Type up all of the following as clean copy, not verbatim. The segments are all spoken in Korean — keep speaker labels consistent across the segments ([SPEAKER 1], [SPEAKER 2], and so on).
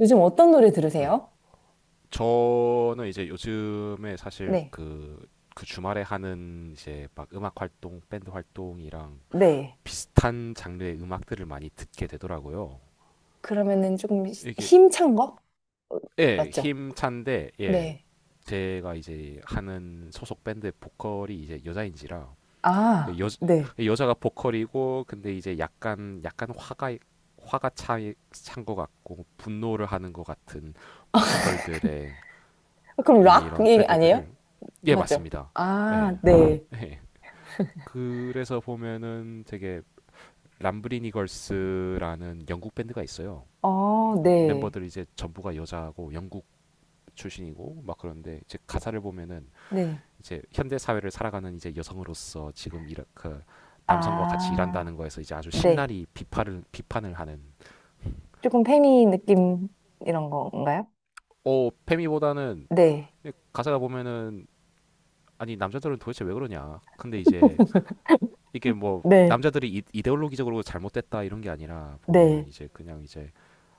[SPEAKER 1] 요즘 어떤 노래
[SPEAKER 2] 네.
[SPEAKER 1] 들으세요?
[SPEAKER 2] 저는 이제 요즘에 사실
[SPEAKER 1] 네.
[SPEAKER 2] 그, 주말에 하는 이제 막 음악 활동, 밴드 활동이랑
[SPEAKER 1] 네.
[SPEAKER 2] 비슷한 장르의 음악들을 많이 듣게 되더라고요.
[SPEAKER 1] 그러면은 조금
[SPEAKER 2] 이게,
[SPEAKER 1] 힘찬 거? 어,
[SPEAKER 2] 예,
[SPEAKER 1] 맞죠?
[SPEAKER 2] 힘찬데, 예,
[SPEAKER 1] 네.
[SPEAKER 2] 제가 이제 하는 소속 밴드의 보컬이 이제 여자인지라,
[SPEAKER 1] 아,
[SPEAKER 2] 예,
[SPEAKER 1] 네.
[SPEAKER 2] 여자가 보컬이고, 근데 이제 약간, 약간 화가 차, 찬것 같고, 분노를 하는 것 같은 보컬들의
[SPEAKER 1] 아, 그럼
[SPEAKER 2] 이런
[SPEAKER 1] 락이 아니에요?
[SPEAKER 2] 밴드들을 예
[SPEAKER 1] 맞죠?
[SPEAKER 2] 맞습니다. 예.
[SPEAKER 1] 아, 네.
[SPEAKER 2] 예. 그래서 보면은 되게 람브리니 걸스라는 영국 밴드가 있어요.
[SPEAKER 1] 어, 네.
[SPEAKER 2] 멤버들 이제 전부가 여자고 영국 출신이고 막 그런데 이제 가사를 보면은
[SPEAKER 1] 네.
[SPEAKER 2] 이제 현대 사회를 살아가는 이제 여성으로서 지금 이렇 그 남성과 같이
[SPEAKER 1] 아,
[SPEAKER 2] 일한다는 거에서 이제 아주
[SPEAKER 1] 네.
[SPEAKER 2] 신랄히 비판을 하는.
[SPEAKER 1] 조금 페미 느낌 이런 건가요?
[SPEAKER 2] 페미보다는
[SPEAKER 1] 네.
[SPEAKER 2] 가사가 보면은 아니 남자들은 도대체 왜 그러냐. 근데 이제 이게 뭐
[SPEAKER 1] 네.
[SPEAKER 2] 남자들이 이데올로기적으로 잘못됐다 이런 게 아니라 보면은
[SPEAKER 1] 네.
[SPEAKER 2] 이제 그냥 이제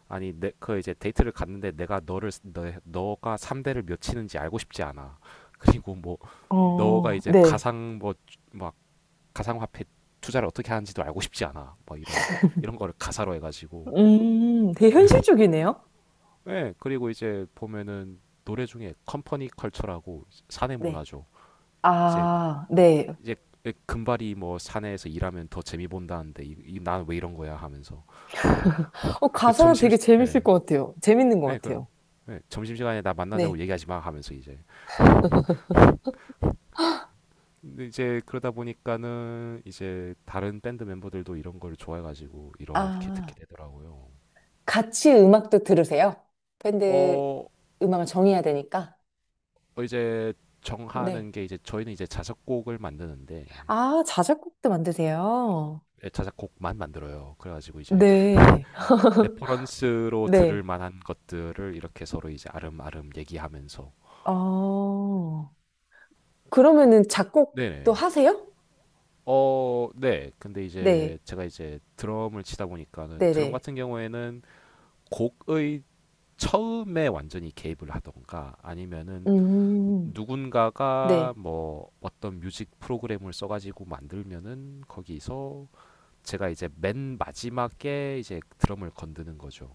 [SPEAKER 2] 아니 내 그 이제 데이트를 갔는데 내가 너를 너가 3대를 몇 치는지 알고 싶지 않아. 그리고 뭐 너가
[SPEAKER 1] 어,
[SPEAKER 2] 이제
[SPEAKER 1] 네.
[SPEAKER 2] 가상 뭐 막 가상 화폐 투자를 어떻게 하는지도 알고 싶지 않아. 뭐 이런 거를 가사로 해 가지고.
[SPEAKER 1] 되게 현실적이네요.
[SPEAKER 2] 예, 그리고 이제 보면은 노래 중에 컴퍼니 컬처라고 사내
[SPEAKER 1] 네.
[SPEAKER 2] 문화죠. 이제
[SPEAKER 1] 아, 네.
[SPEAKER 2] 이제 예, 금발이 뭐 사내에서 일하면 더 재미 본다는데 이 난 왜 이런 거야 하면서
[SPEAKER 1] 어, 가사 되게 재밌을
[SPEAKER 2] 예.
[SPEAKER 1] 것 같아요. 재밌는 것
[SPEAKER 2] 예, 그
[SPEAKER 1] 같아요.
[SPEAKER 2] 예, 점심 시간에 나 만나자고
[SPEAKER 1] 네.
[SPEAKER 2] 얘기하지 마 하면서 이제. 근데 이제 그러다 보니까는 이제 다른 밴드 멤버들도 이런 걸 좋아해 가지고 이렇게
[SPEAKER 1] 아,
[SPEAKER 2] 듣게 되더라고요.
[SPEAKER 1] 같이 음악도 들으세요? 밴드
[SPEAKER 2] 어,
[SPEAKER 1] 음악을 정해야 되니까.
[SPEAKER 2] 어, 이제
[SPEAKER 1] 네.
[SPEAKER 2] 정하는 게 이제 저희는 이제 자작곡을 만드는데
[SPEAKER 1] 아, 자작곡도 만드세요?
[SPEAKER 2] 예, 자작곡만 만들어요. 그래 가지고 이제
[SPEAKER 1] 네.
[SPEAKER 2] 레퍼런스로 들을
[SPEAKER 1] 네.
[SPEAKER 2] 만한 것들을 이렇게 서로 이제 아름아름 얘기하면서.
[SPEAKER 1] 어, 그러면은 작곡도
[SPEAKER 2] 네네.
[SPEAKER 1] 하세요?
[SPEAKER 2] 어, 네. 근데 이제
[SPEAKER 1] 네.
[SPEAKER 2] 제가 이제 드럼을 치다 보니까는 드럼
[SPEAKER 1] 네네.
[SPEAKER 2] 같은 경우에는 곡의 처음에 완전히 개입을 하던가 아니면은
[SPEAKER 1] 음,
[SPEAKER 2] 누군가가
[SPEAKER 1] 네.
[SPEAKER 2] 뭐 어떤 뮤직 프로그램을 써가지고 만들면은 거기서 제가 이제 맨 마지막에 이제 드럼을 건드는 거죠.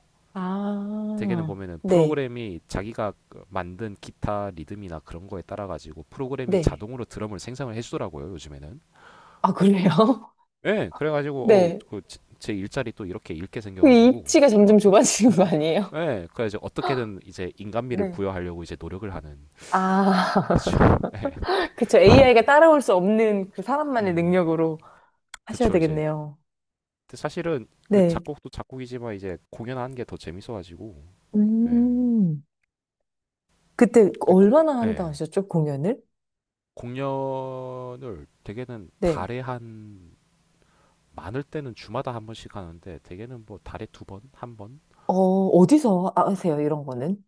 [SPEAKER 2] 대개는
[SPEAKER 1] 아,
[SPEAKER 2] 보면은
[SPEAKER 1] 네.
[SPEAKER 2] 프로그램이 자기가 그 만든 기타 리듬이나 그런 거에 따라 가지고 프로그램이
[SPEAKER 1] 네.
[SPEAKER 2] 자동으로 드럼을 생성을 해주더라고요 요즘에는.
[SPEAKER 1] 아, 그래요?
[SPEAKER 2] 예, 그래가지고
[SPEAKER 1] 네.
[SPEAKER 2] 그제 일자리 또 이렇게 잃게
[SPEAKER 1] 그
[SPEAKER 2] 생겨가지고
[SPEAKER 1] 입지가
[SPEAKER 2] 어,
[SPEAKER 1] 점점 좁아지는 거 아니에요?
[SPEAKER 2] 네, 그래서 어떻게든 이제 인간미를
[SPEAKER 1] 네.
[SPEAKER 2] 부여하려고 이제 노력을 하는.
[SPEAKER 1] 아,
[SPEAKER 2] 그렇죠. 네.
[SPEAKER 1] 그쵸. AI가 따라올 수 없는 그 사람만의
[SPEAKER 2] 음,
[SPEAKER 1] 능력으로 하셔야
[SPEAKER 2] 그렇죠. 이제
[SPEAKER 1] 되겠네요.
[SPEAKER 2] 근데 사실은 그
[SPEAKER 1] 네.
[SPEAKER 2] 작곡도 작곡이지만 이제 공연하는 게 더 재밌어가지고, 예,
[SPEAKER 1] 음. 그때
[SPEAKER 2] 그 고,
[SPEAKER 1] 얼마나 한다
[SPEAKER 2] 예,
[SPEAKER 1] 하셨죠? 공연을?
[SPEAKER 2] 공연을 대개는
[SPEAKER 1] 네.
[SPEAKER 2] 달에 한 많을 때는 주마다 한 번씩 하는데 대개는 뭐 달에 두 번, 한 번.
[SPEAKER 1] 어, 어디서 하세요? 이런 거는?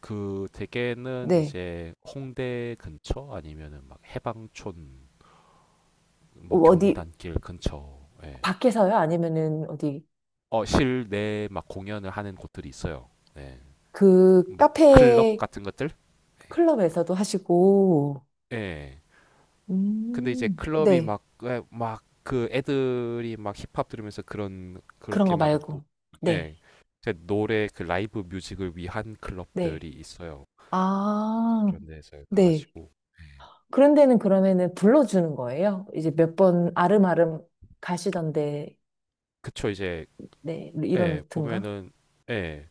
[SPEAKER 2] 그 대개는
[SPEAKER 1] 네.
[SPEAKER 2] 이제 홍대 근처 아니면은 막 해방촌
[SPEAKER 1] 어,
[SPEAKER 2] 뭐
[SPEAKER 1] 어디,
[SPEAKER 2] 경리단길 근처, 예.
[SPEAKER 1] 밖에서요? 아니면은 어디,
[SPEAKER 2] 어, 실내 막 공연을 하는 곳들이 있어요. 네.
[SPEAKER 1] 그
[SPEAKER 2] 막 클럽
[SPEAKER 1] 카페
[SPEAKER 2] 같은 것들. 예.
[SPEAKER 1] 클럽에서도 하시고,
[SPEAKER 2] 네. 근데 이제 클럽이
[SPEAKER 1] 네.
[SPEAKER 2] 막 그 애들이 막 힙합 들으면서 그런
[SPEAKER 1] 그런
[SPEAKER 2] 그렇게
[SPEAKER 1] 거 말고. 네.
[SPEAKER 2] 예. 제 노래 그 라이브 뮤직을 위한
[SPEAKER 1] 네.
[SPEAKER 2] 클럽들이 있어요. 이제
[SPEAKER 1] 아,
[SPEAKER 2] 그런 데서
[SPEAKER 1] 네.
[SPEAKER 2] 가가지고
[SPEAKER 1] 그런 데는 그러면은 불러주는 거예요? 이제 몇 번 아름아름 가시던데,
[SPEAKER 2] 그쵸 이제
[SPEAKER 1] 네, 이런
[SPEAKER 2] 예,
[SPEAKER 1] 루트인가?
[SPEAKER 2] 보면은 예.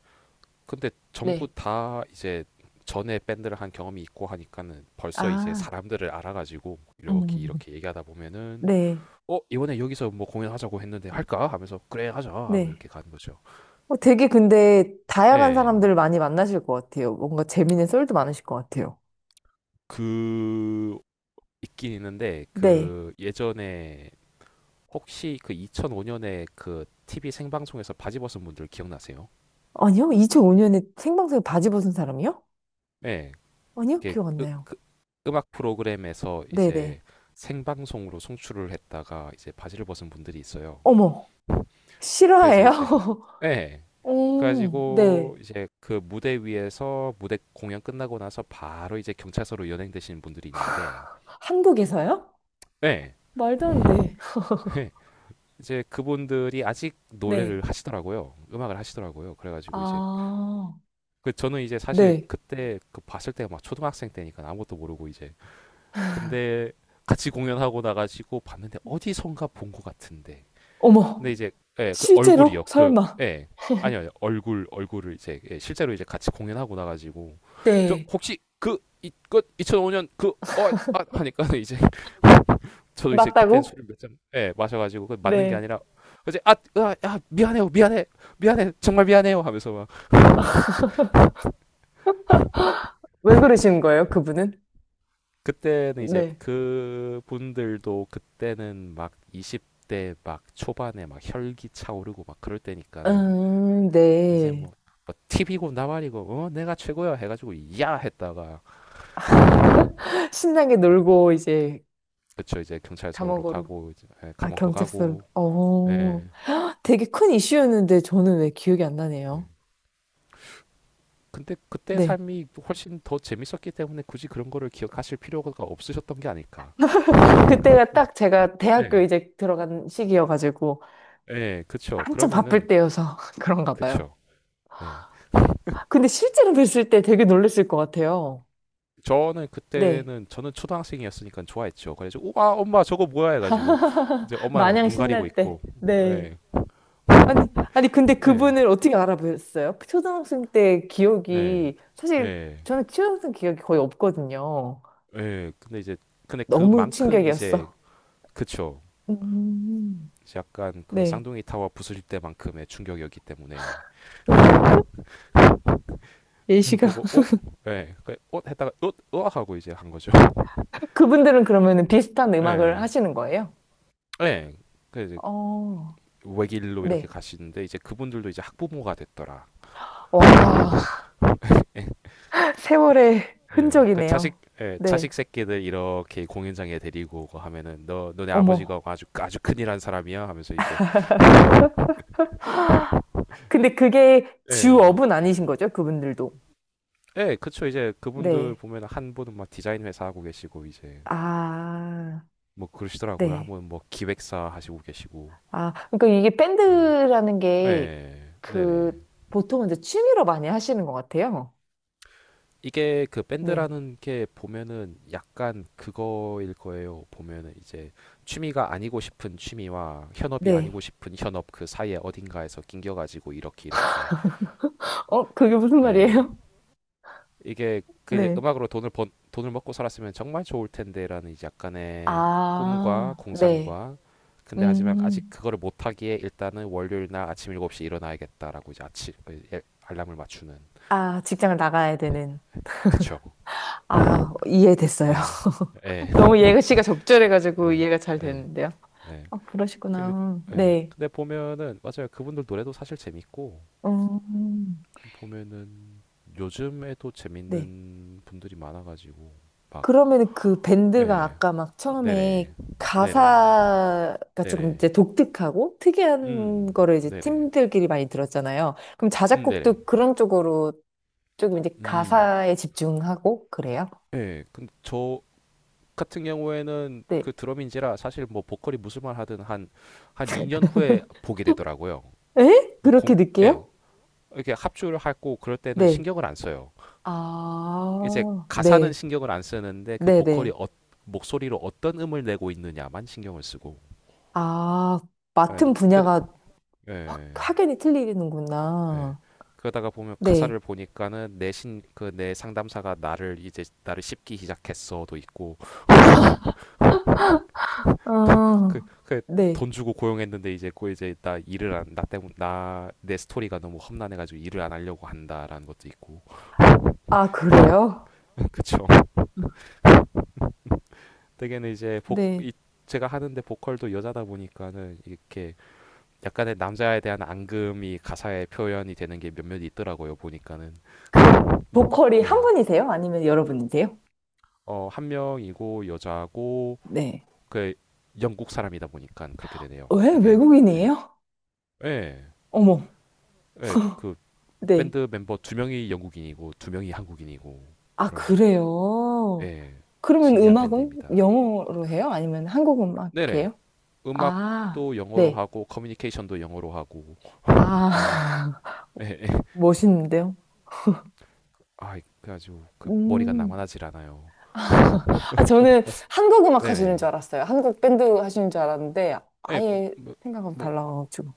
[SPEAKER 2] 근데 전부
[SPEAKER 1] 네.
[SPEAKER 2] 다 이제 전에 밴드를 한 경험이 있고 하니까는 벌써 이제
[SPEAKER 1] 아,
[SPEAKER 2] 사람들을 알아가지고 이렇게
[SPEAKER 1] 음.
[SPEAKER 2] 이렇게 얘기하다 보면은
[SPEAKER 1] 네,
[SPEAKER 2] 어 이번에 여기서 뭐 공연하자고 했는데 할까 하면서 그래 하자 하고
[SPEAKER 1] 네.
[SPEAKER 2] 이렇게 가는 거죠.
[SPEAKER 1] 어, 되게 근데 다양한
[SPEAKER 2] 예.
[SPEAKER 1] 사람들을 많이 만나실 것 같아요. 뭔가 재밌는 썰도 많으실 것 같아요.
[SPEAKER 2] 그 있긴 있는데
[SPEAKER 1] 네.
[SPEAKER 2] 그 예전에 혹시 그 2005년에 그 TV 생방송에서 바지 벗은 분들 기억나세요?
[SPEAKER 1] 아니요? 2005년에 생방송에 바지 벗은 사람이요?
[SPEAKER 2] 예.
[SPEAKER 1] 아니요?
[SPEAKER 2] 이게
[SPEAKER 1] 기억 안 나요.
[SPEAKER 2] 음악 프로그램에서
[SPEAKER 1] 네네.
[SPEAKER 2] 이제 생방송으로 송출을 했다가 이제 바지를 벗은 분들이 있어요.
[SPEAKER 1] 어머,
[SPEAKER 2] 그래서
[SPEAKER 1] 실화예요?
[SPEAKER 2] 이제 예.
[SPEAKER 1] 오, 네.
[SPEAKER 2] 그래가지고 이제 그 무대 위에서 무대 공연 끝나고 나서 바로 이제 경찰서로 연행되시는 분들이 있는데,
[SPEAKER 1] 한국에서요?
[SPEAKER 2] 네.
[SPEAKER 1] 말도 안 돼.
[SPEAKER 2] 이제 그분들이 아직
[SPEAKER 1] 네.
[SPEAKER 2] 노래를 하시더라고요. 음악을 하시더라고요. 그래가지고 이제
[SPEAKER 1] 아,
[SPEAKER 2] 그 저는 이제 사실
[SPEAKER 1] 네.
[SPEAKER 2] 그때 그 봤을 때 막 초등학생 때니까 아무것도 모르고 이제. 근데 같이 공연하고 나가지고 봤는데 어디선가 본 것 같은데
[SPEAKER 1] 어머,
[SPEAKER 2] 근데 이제 예, 그
[SPEAKER 1] 실제로?
[SPEAKER 2] 얼굴이요. 그
[SPEAKER 1] 설마.
[SPEAKER 2] 예. 아니요. 아니요. 얼굴을 이제 예, 실제로 이제 같이 공연하고 나 가지고 저
[SPEAKER 1] 네.
[SPEAKER 2] 혹시 그 이그 2005년 하니까 이제 저도 이제 그땐
[SPEAKER 1] 맞다고?
[SPEAKER 2] 술을 몇 잔 예, 마셔 가지고 그 맞는 게
[SPEAKER 1] 네.
[SPEAKER 2] 아니라 이제 미안해요. 미안해. 미안해. 정말 미안해요 하면서 막.
[SPEAKER 1] 왜 그러시는 거예요, 그분은?
[SPEAKER 2] 그때는 이제
[SPEAKER 1] 네.
[SPEAKER 2] 그 분들도 그때는 막 20대 막 초반에 막 혈기 차오르고 막 그럴 때니까는 이제
[SPEAKER 1] 네.
[SPEAKER 2] 뭐, 팁이고 나발이고 어 내가 최고야 해가지고 야 했다가.
[SPEAKER 1] 신나게
[SPEAKER 2] 네.
[SPEAKER 1] 놀고, 이제,
[SPEAKER 2] 그쵸 이제 경찰서로
[SPEAKER 1] 감옥으로.
[SPEAKER 2] 가고 이제 예,
[SPEAKER 1] 아,
[SPEAKER 2] 감옥도
[SPEAKER 1] 경찰서로.
[SPEAKER 2] 가고 예.
[SPEAKER 1] 어, 되게 큰 이슈였는데 저는 왜 기억이 안
[SPEAKER 2] 예.
[SPEAKER 1] 나네요.
[SPEAKER 2] 근데 그때
[SPEAKER 1] 네.
[SPEAKER 2] 삶이 훨씬 더 재밌었기 때문에 굳이 그런 거를 기억하실 필요가 없으셨던 게 아닐까.
[SPEAKER 1] 그때가 딱 제가 대학교
[SPEAKER 2] 네.
[SPEAKER 1] 이제 들어간 시기여가지고,
[SPEAKER 2] 예, 그쵸.
[SPEAKER 1] 한참 바쁠
[SPEAKER 2] 그러면은,
[SPEAKER 1] 때여서 그런가 봐요.
[SPEAKER 2] 그쵸. 네.
[SPEAKER 1] 근데 실제로 뵀을 때 되게 놀랬을 것 같아요.
[SPEAKER 2] 저는
[SPEAKER 1] 네.
[SPEAKER 2] 그때는, 저는 초등학생이었으니까 좋아했죠. 그래서, 우와, 엄마 저거 뭐야 해가지고, 이제 엄마 막
[SPEAKER 1] 마냥
[SPEAKER 2] 눈 가리고
[SPEAKER 1] 신날 때.
[SPEAKER 2] 있고,
[SPEAKER 1] 네.
[SPEAKER 2] 예,
[SPEAKER 1] 아니, 아니, 근데
[SPEAKER 2] 예,
[SPEAKER 1] 그분을 어떻게 알아보셨어요? 초등학생 때
[SPEAKER 2] 예,
[SPEAKER 1] 기억이, 사실
[SPEAKER 2] 예.
[SPEAKER 1] 저는 초등학생 기억이 거의 없거든요.
[SPEAKER 2] 예, 근데
[SPEAKER 1] 너무
[SPEAKER 2] 그만큼 이제
[SPEAKER 1] 충격이었어.
[SPEAKER 2] 그쵸.
[SPEAKER 1] 음.
[SPEAKER 2] 이제 약간 그
[SPEAKER 1] 네.
[SPEAKER 2] 쌍둥이 타워 부수실 때만큼의 충격이었기 때문에.
[SPEAKER 1] 예시가.
[SPEAKER 2] 보고 어? 예. 그 어? 했다가 어? 어? 하고 이제 한 거죠.
[SPEAKER 1] 그분들은 그러면 비슷한 음악을
[SPEAKER 2] 예.
[SPEAKER 1] 하시는 거예요?
[SPEAKER 2] 예. 그 이제
[SPEAKER 1] 어,
[SPEAKER 2] 외길로 이렇게
[SPEAKER 1] 네.
[SPEAKER 2] 가시는데 이제 그분들도 이제 학부모가 됐더라.
[SPEAKER 1] 와,
[SPEAKER 2] 예.
[SPEAKER 1] 세월의
[SPEAKER 2] 예. 그
[SPEAKER 1] 흔적이네요.
[SPEAKER 2] 자식 예,
[SPEAKER 1] 네.
[SPEAKER 2] 자식 새끼들 이렇게 공연장에 데리고 오고 하면은 너 너네
[SPEAKER 1] 어머.
[SPEAKER 2] 아버지가 아주 아주 큰일 한 사람이야 하면서 이제.
[SPEAKER 1] 근데 그게
[SPEAKER 2] 예.
[SPEAKER 1] 주업은 아니신 거죠? 그분들도.
[SPEAKER 2] 예, 그쵸. 이제 그분들
[SPEAKER 1] 네.
[SPEAKER 2] 보면 한 분은 막 디자인 회사 하고 계시고, 이제
[SPEAKER 1] 아,
[SPEAKER 2] 뭐 그러시더라고요. 한
[SPEAKER 1] 네.
[SPEAKER 2] 분은 뭐 기획사 하시고 계시고.
[SPEAKER 1] 아, 그러니까 이게
[SPEAKER 2] 예.
[SPEAKER 1] 밴드라는 게
[SPEAKER 2] 예,
[SPEAKER 1] 그
[SPEAKER 2] 네네.
[SPEAKER 1] 보통은 이제 취미로 많이 하시는 것 같아요.
[SPEAKER 2] 이게 그
[SPEAKER 1] 네.
[SPEAKER 2] 밴드라는 게 보면은 약간 그거일 거예요. 보면은 이제 취미가 아니고 싶은 취미와 현업이
[SPEAKER 1] 네.
[SPEAKER 2] 아니고 싶은 현업 그 사이에 어딘가에서 낑겨가지고 이렇게.
[SPEAKER 1] 어, 그게 무슨
[SPEAKER 2] 예.
[SPEAKER 1] 말이에요?
[SPEAKER 2] 이게 그 이제
[SPEAKER 1] 네.
[SPEAKER 2] 음악으로 돈을 먹고 살았으면 정말 좋을 텐데라는 이제 약간의 꿈과
[SPEAKER 1] 아, 네.
[SPEAKER 2] 공상과. 근데 하지만 아직
[SPEAKER 1] 음.
[SPEAKER 2] 그거를 못 하기에 일단은 월요일 날 아침 일곱 시 일어나야겠다라고 이제 아침 그 예, 알람을 맞추는.
[SPEAKER 1] 아, 직장을 나가야 되는.
[SPEAKER 2] 그쵸
[SPEAKER 1] 아, 이해됐어요.
[SPEAKER 2] 예. 예.
[SPEAKER 1] 너무 예시가 적절해가지고
[SPEAKER 2] 예.
[SPEAKER 1] 이해가 잘
[SPEAKER 2] 예.
[SPEAKER 1] 되는데요.
[SPEAKER 2] 예.
[SPEAKER 1] 아,
[SPEAKER 2] 근데
[SPEAKER 1] 그러시구나.
[SPEAKER 2] 예.
[SPEAKER 1] 네.
[SPEAKER 2] 근데 보면은 맞아요. 그분들 노래도 사실 재밌고
[SPEAKER 1] 음.
[SPEAKER 2] 보면은 요즘에도
[SPEAKER 1] 네.
[SPEAKER 2] 재밌는 분들이 많아가지고 막.
[SPEAKER 1] 그러면 그 밴드가
[SPEAKER 2] 예.
[SPEAKER 1] 아까 막 처음에
[SPEAKER 2] 네네. 네네.
[SPEAKER 1] 가사가 조금
[SPEAKER 2] 네네.
[SPEAKER 1] 이제 독특하고 특이한
[SPEAKER 2] 음.
[SPEAKER 1] 거를 이제
[SPEAKER 2] 네네.
[SPEAKER 1] 팀들끼리 많이 들었잖아요. 그럼
[SPEAKER 2] 네네.
[SPEAKER 1] 자작곡도 그런 쪽으로 조금 이제
[SPEAKER 2] 음.
[SPEAKER 1] 가사에 집중하고 그래요?
[SPEAKER 2] 예. 근데 저 같은 경우에는
[SPEAKER 1] 네.
[SPEAKER 2] 그 드럼인지라 사실 뭐 보컬이 무슨 말 하든 한 2년 후에 보게 되더라고요.
[SPEAKER 1] 에? 그렇게
[SPEAKER 2] 공 예.
[SPEAKER 1] 느껴요?
[SPEAKER 2] 이렇게 합주를 하고 그럴 때는
[SPEAKER 1] 네.
[SPEAKER 2] 신경을 안 써요. 이제
[SPEAKER 1] 아,
[SPEAKER 2] 가사는
[SPEAKER 1] 네.
[SPEAKER 2] 신경을 안 쓰는데 그 보컬이
[SPEAKER 1] 네네.
[SPEAKER 2] 목소리로 어떤 음을 내고 있느냐만 신경을 쓰고.
[SPEAKER 1] 아,
[SPEAKER 2] 예.
[SPEAKER 1] 맡은
[SPEAKER 2] 그
[SPEAKER 1] 분야가 확,
[SPEAKER 2] 예.
[SPEAKER 1] 확연히
[SPEAKER 2] 예.
[SPEAKER 1] 틀리는구나.
[SPEAKER 2] 그러다가 보면
[SPEAKER 1] 네.
[SPEAKER 2] 가사를 보니까는 내신 그 내 상담사가 나를 씹기 시작했어도 있고 그,
[SPEAKER 1] 아,
[SPEAKER 2] 그,
[SPEAKER 1] 네.
[SPEAKER 2] 돈 주고 고용했는데 이제 꼭 이제 나 일을 안 나 때문 나내 스토리가 너무 험난해가지고 일을 안 하려고 한다라는 것도 있고.
[SPEAKER 1] 아, 그래요?
[SPEAKER 2] 그쵸 되게는 이제 복
[SPEAKER 1] 네.
[SPEAKER 2] 이, 제가 하는데 보컬도 여자다 보니까는 이렇게 약간의 남자에 대한 앙금이 가사에 표현이 되는 게 몇몇 있더라고요 보니까는.
[SPEAKER 1] 그 보컬이 한 분이세요? 아니면 여러분이세요?
[SPEAKER 2] 네어한 명이고 여자고
[SPEAKER 1] 네.
[SPEAKER 2] 그 영국 사람이다 보니까 그렇게 되네요
[SPEAKER 1] 왜?
[SPEAKER 2] 이게. 예
[SPEAKER 1] 외국인이에요?
[SPEAKER 2] 예,
[SPEAKER 1] 어머,
[SPEAKER 2] 예, 그
[SPEAKER 1] 네.
[SPEAKER 2] 밴드 멤버 두 명이 영국인이고 두 명이 한국인이고
[SPEAKER 1] 아,
[SPEAKER 2] 그럼
[SPEAKER 1] 그래요?
[SPEAKER 2] 예,
[SPEAKER 1] 그러면
[SPEAKER 2] 신기한
[SPEAKER 1] 음악은
[SPEAKER 2] 밴드입니다.
[SPEAKER 1] 영어로 해요? 아니면 한국
[SPEAKER 2] 네네,
[SPEAKER 1] 음악이에요? 아,
[SPEAKER 2] 음악도 영어로
[SPEAKER 1] 네.
[SPEAKER 2] 하고 커뮤니케이션도 영어로 하고,
[SPEAKER 1] 아,
[SPEAKER 2] 예, 예, 예.
[SPEAKER 1] 멋있는데요?
[SPEAKER 2] 아, 그래가지고 그 머리가
[SPEAKER 1] 음.
[SPEAKER 2] 남아나질 않아요.
[SPEAKER 1] 아, 저는 한국 음악 하시는
[SPEAKER 2] 네네,
[SPEAKER 1] 줄 알았어요. 한국 밴드 하시는 줄 알았는데,
[SPEAKER 2] 예,
[SPEAKER 1] 아예
[SPEAKER 2] 뭐,
[SPEAKER 1] 생각하고
[SPEAKER 2] 뭐 아,
[SPEAKER 1] 달라가지고.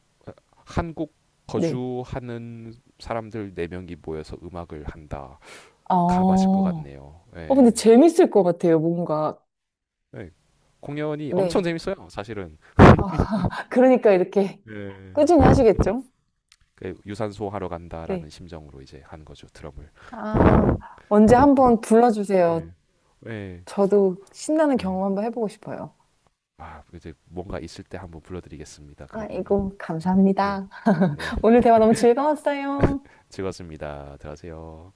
[SPEAKER 2] 한국
[SPEAKER 1] 네.
[SPEAKER 2] 거주하는 사람들 네 명이 모여서 음악을 한다.
[SPEAKER 1] 아,
[SPEAKER 2] 가봐실 것
[SPEAKER 1] 어,
[SPEAKER 2] 같네요.
[SPEAKER 1] 근데
[SPEAKER 2] 예,
[SPEAKER 1] 재밌을 것 같아요, 뭔가.
[SPEAKER 2] 예. 공연이 엄청
[SPEAKER 1] 네.
[SPEAKER 2] 재밌어요, 사실은.
[SPEAKER 1] 어, 그러니까 이렇게
[SPEAKER 2] 예.
[SPEAKER 1] 꾸준히 하시겠죠?
[SPEAKER 2] 그 유산소 하러 간다라는
[SPEAKER 1] 네.
[SPEAKER 2] 심정으로 이제 한 거죠, 드럼을.
[SPEAKER 1] 아, 언제 한번 불러주세요.
[SPEAKER 2] 예. 예.
[SPEAKER 1] 저도 신나는
[SPEAKER 2] 예.
[SPEAKER 1] 경험 한번 해보고 싶어요.
[SPEAKER 2] 아 이제 뭔가 있을 때 한번 불러드리겠습니다. 그러면은
[SPEAKER 1] 아이고,
[SPEAKER 2] 음, 네,
[SPEAKER 1] 감사합니다.
[SPEAKER 2] 네,
[SPEAKER 1] 오늘 대화 너무 즐거웠어요.
[SPEAKER 2] 즐거웠습니다. 들어가세요.